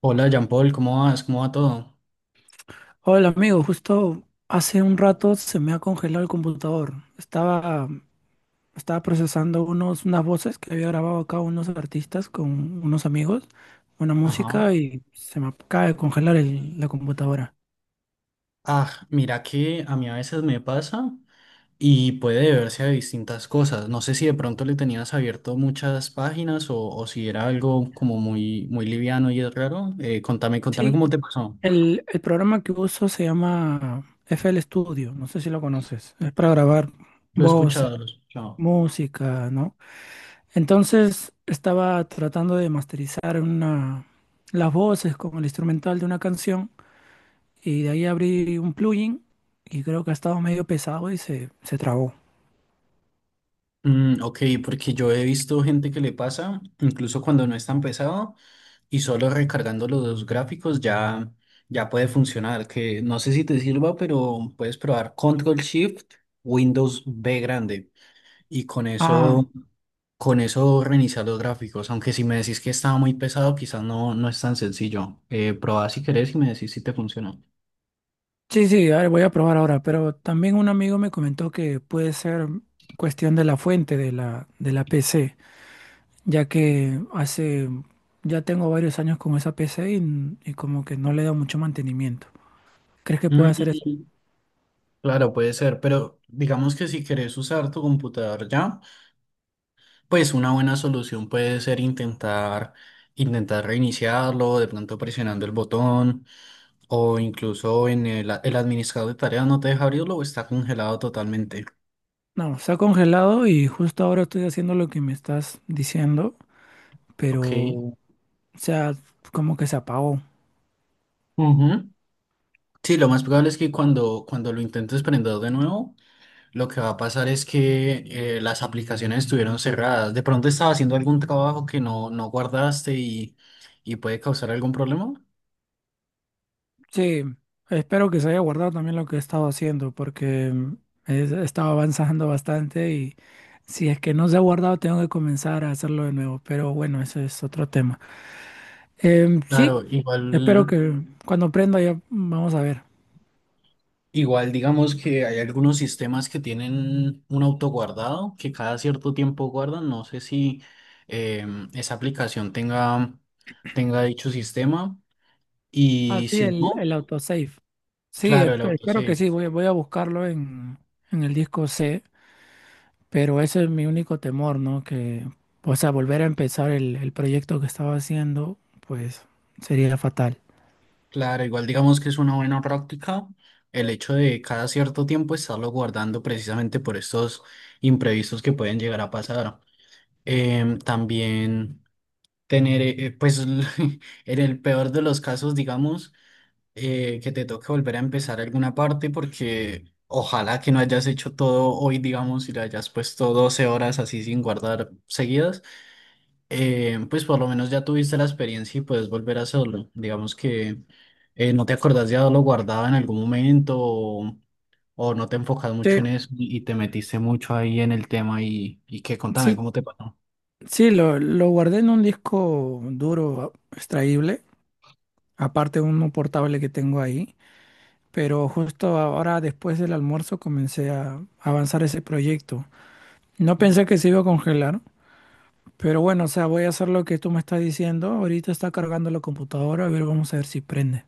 Hola, Jean Paul, ¿cómo vas? ¿Cómo va todo? Hola amigo, justo hace un rato se me ha congelado el computador. Estaba procesando unas voces que había grabado acá unos artistas con unos amigos, una Ajá. música y se me acaba de congelar la computadora. Ah, mira que a mí a veces me pasa y puede deberse a distintas cosas. No sé si de pronto le tenías abierto muchas páginas o si era algo como muy, muy liviano y es raro. Contame Sí, cómo te pasó. el programa que uso se llama FL Studio, no sé si lo conoces. Es para grabar Lo he voces, escuchado, lo he escuchado. música, ¿no? Entonces estaba tratando de las voces con el instrumental de una canción. Y de ahí abrí un plugin y creo que ha estado medio pesado y se trabó. Ok, porque yo he visto gente que le pasa, incluso cuando no es tan pesado. Y solo recargando los dos gráficos ya puede funcionar, que no sé si te sirva, pero puedes probar Control Shift, Windows B grande y con eso, Ah, con eso reiniciar los gráficos, aunque si me decís que estaba muy pesado, quizás no, no es tan sencillo. Probá si querés y me decís si te funcionó. sí, sí, a ver, voy a probar ahora, pero también un amigo me comentó que puede ser cuestión de la fuente de la PC, ya que ya tengo varios años con esa PC y, y como que no le he dado mucho mantenimiento. ¿Crees que puede hacer eso? Mm, Claro, puede ser, pero digamos que si querés usar tu computador ya. Pues una buena solución puede ser intentar reiniciarlo, de pronto presionando el botón, o incluso en el administrador de tareas no te deja abrirlo o está congelado totalmente. No, se ha congelado y justo ahora estoy haciendo lo que me estás diciendo, pero, Ok. o sea, como que se apagó. Ujú. Sí, lo más probable es que cuando lo intentes prender de nuevo, lo que va a pasar es que las aplicaciones estuvieron cerradas. De pronto estaba haciendo algún trabajo que no guardaste y puede causar algún problema. Sí, espero que se haya guardado también lo que he estado haciendo, porque he estado avanzando bastante y si es que no se ha guardado, tengo que comenzar a hacerlo de nuevo. Pero bueno, ese es otro tema. Sí, Claro, espero igual. que cuando aprenda ya vamos a ver. Igual, digamos que hay algunos sistemas que tienen un autoguardado que cada cierto tiempo guardan. No sé si esa aplicación tenga dicho sistema. Ah, Y sí, si el, no, el autosave. Sí, claro, el espero que autosave. sí, voy a buscarlo en el disco C, pero ese es mi único temor, ¿no? Que, o sea, volver a empezar el proyecto que estaba haciendo, pues sería fatal. Claro, igual digamos que es una buena práctica el hecho de cada cierto tiempo estarlo guardando precisamente por estos imprevistos que pueden llegar a pasar. También tener, pues, en el peor de los casos, digamos que te toque volver a empezar alguna parte porque ojalá que no hayas hecho todo hoy, digamos, y le hayas puesto 12 horas así sin guardar seguidas, pues por lo menos ya tuviste la experiencia y puedes volver a hacerlo. Digamos que no te acordás de haberlo guardado en algún momento o no te enfocas mucho Sí. en eso y te metiste mucho ahí en el tema y que contame Sí, cómo te pasó. sí, lo guardé en un disco duro extraíble, aparte de uno portable que tengo ahí, pero justo ahora después del almuerzo comencé a avanzar ese proyecto. No pensé que se iba a congelar, pero bueno, o sea, voy a hacer lo que tú me estás diciendo. Ahorita está cargando la computadora, a ver, vamos a ver si prende.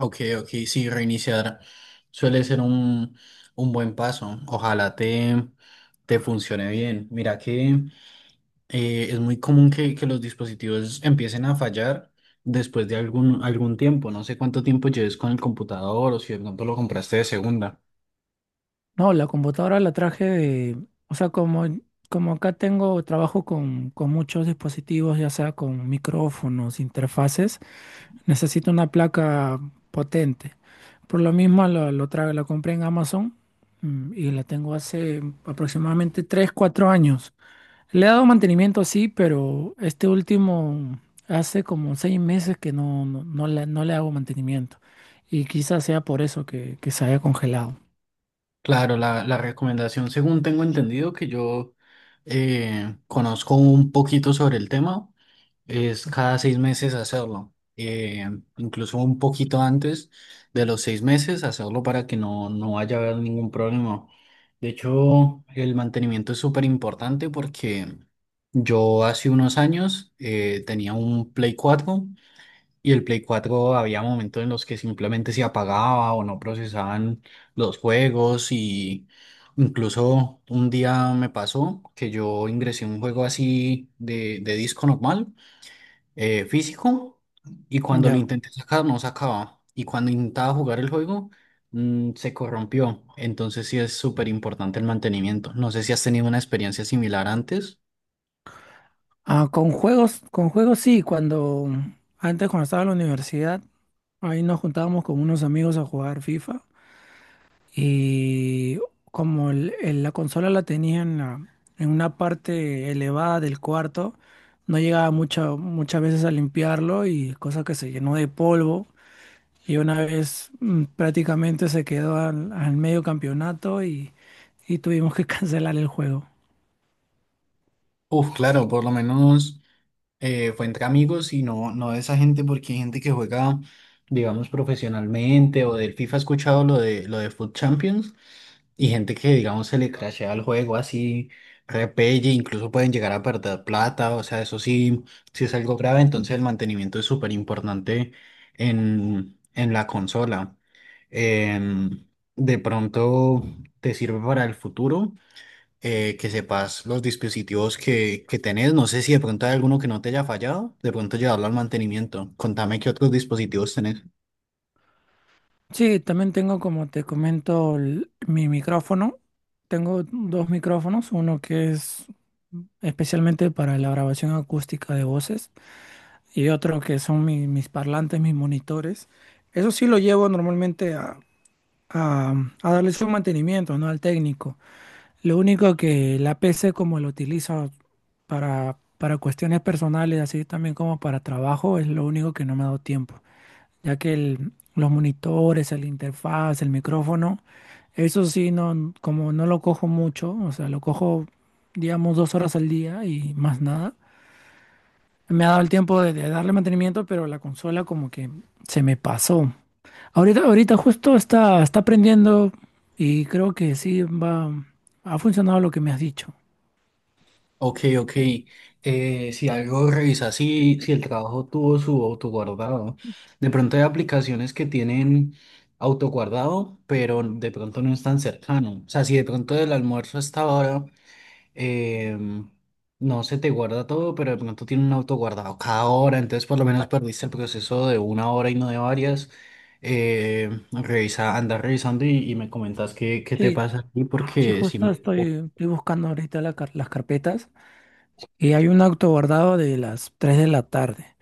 Ok, ok, sí, reiniciar suele ser un buen paso. Ojalá te funcione bien. Mira que es muy común que los dispositivos empiecen a fallar después de algún tiempo. No sé cuánto tiempo lleves con el computador o si de pronto lo compraste de segunda. No, la computadora la traje de, o sea, como, como acá tengo trabajo con muchos dispositivos, ya sea con micrófonos, interfaces. Necesito una placa potente. Por lo mismo, la compré en Amazon y la tengo hace aproximadamente 3 o 4 años. Le he dado mantenimiento, sí, pero este último hace como 6 meses que no le hago mantenimiento. Y quizás sea por eso que se haya congelado. Claro, la recomendación, según tengo entendido, que yo conozco un poquito sobre el tema. Es cada 6 meses hacerlo, incluso un poquito antes de los 6 meses hacerlo para que no vaya a haber ningún problema. De hecho, el mantenimiento es súper importante porque yo hace unos años tenía un Play 4 y el Play 4 había momentos en los que simplemente se apagaba o no procesaban los juegos y incluso un día me pasó que yo ingresé un juego así de disco normal físico y cuando lo Ya. intenté sacar no sacaba. Y cuando intentaba jugar el juego se corrompió. Entonces sí es súper importante el mantenimiento. No sé si has tenido una experiencia similar antes. Ah, con juegos sí, cuando antes cuando estaba en la universidad, ahí nos juntábamos con unos amigos a jugar FIFA. Y como la consola la tenía en una parte elevada del cuarto, no llegaba muchas veces a limpiarlo y cosa que se llenó de polvo. Y una vez prácticamente se quedó al medio campeonato y tuvimos que cancelar el juego. Uf, claro, por lo menos fue entre amigos y no, no de esa gente porque hay gente que juega, digamos, profesionalmente o del FIFA he escuchado lo de Foot Champions. Y gente que, digamos, se le crashea el juego así, repelle, incluso pueden llegar a perder plata, o sea, eso sí, sí es algo grave, entonces el mantenimiento es súper importante en la consola. Em, de pronto te sirve para el futuro, que sepas los dispositivos que tenés, no sé si de pronto hay alguno que no te haya fallado, de pronto llevarlo al mantenimiento. Contame qué otros dispositivos tenés. Sí, también tengo, como te comento, mi micrófono. Tengo dos micrófonos, uno que es especialmente para la grabación acústica de voces y otro que son mis parlantes, mis monitores. Eso sí lo llevo normalmente a, a darle su mantenimiento, ¿no? Al técnico. Lo único que la PC como lo utilizo para cuestiones personales, así también como para trabajo, es lo único que no me ha dado tiempo, ya que los monitores, el interfaz, el micrófono, eso sí, no, como no lo cojo mucho, o sea, lo cojo, digamos, 2 horas al día y más nada. Me ha dado el tiempo de darle mantenimiento, pero la consola como que se me pasó. Ahorita justo está prendiendo y creo que sí va, ha funcionado lo que me has dicho. Ok, ok. Si algo revisa, si el trabajo tuvo su autoguardado. De pronto hay aplicaciones que tienen autoguardado, pero de pronto no es tan cercano. O sea, si de pronto el almuerzo hasta ahora em, no se te guarda todo, pero de pronto tiene un autoguardado cada hora, entonces por lo menos perdiste el proceso de una hora y no de varias. Revisa, anda revisando y me comentas qué te Sí, pasa aquí, sí, porque si justo me. Estoy buscando ahorita las carpetas y hay un auto guardado de las 3 de la tarde.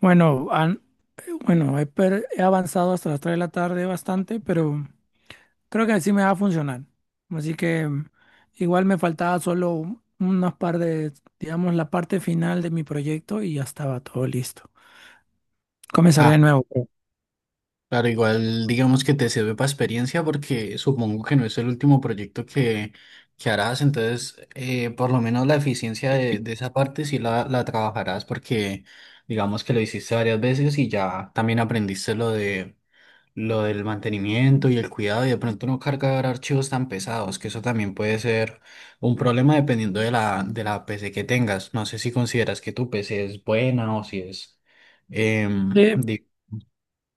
Bueno, han- He avanzado hasta las 3 de la tarde bastante, pero creo que así me va a funcionar. Así que igual me faltaba solo unos par de, digamos, la parte final de mi proyecto y ya estaba todo listo. Comenzaré de nuevo, creo. Claro, igual digamos que te sirve para experiencia porque supongo que no es el último proyecto que harás, entonces por lo menos la eficiencia de esa parte sí la trabajarás porque digamos que lo hiciste varias veces y ya también aprendiste lo del mantenimiento y el cuidado y de pronto no cargar archivos tan pesados, que eso también puede ser un problema dependiendo de la PC que tengas. No sé si consideras que tu PC es buena. O si es... em, Sí, de-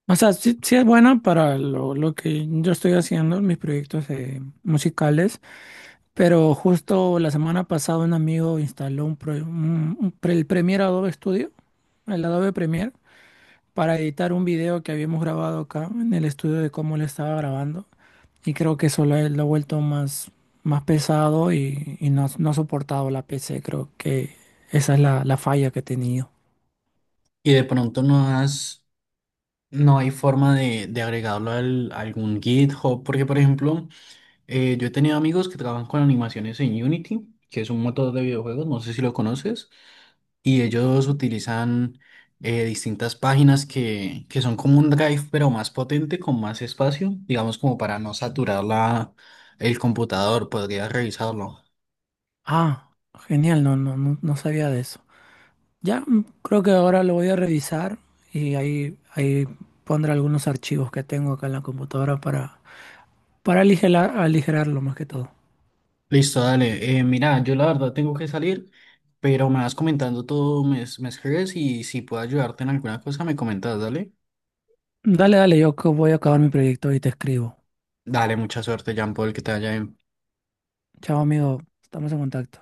o sea, sí, sí es bueno para lo que yo estoy haciendo, mis proyectos musicales, pero justo la semana pasada un amigo instaló un, pro- un pre- el Premiere Adobe Studio, el Adobe Premiere, para editar un video que habíamos grabado acá en el estudio de cómo le estaba grabando. Y creo que eso lo ha vuelto más pesado y no, no ha soportado la PC. Creo que esa es la falla que he tenido. y de pronto no has No hay forma de agregarlo a algún GitHub, porque por ejemplo, yo he tenido amigos que trabajan con animaciones en Unity, que es un motor de videojuegos, no sé si lo conoces, y ellos utilizan distintas páginas que son como un Drive, pero más potente, con más espacio, digamos como para no saturar la, el computador, podría revisarlo. Ah, genial, no, no, no, no sabía de eso. Ya creo que ahora lo voy a revisar y ahí pondré algunos archivos que tengo acá en la computadora para aligerarlo más que todo. Listo, dale. Mira, yo la verdad tengo que salir, pero me vas comentando todo, me escribes y si puedo ayudarte en alguna cosa, me comentas, dale. Dale, dale, yo que voy a acabar mi proyecto y te escribo. Dale, mucha suerte, Jean Paul, que te vaya bien. Chao, amigo, estamos en contacto.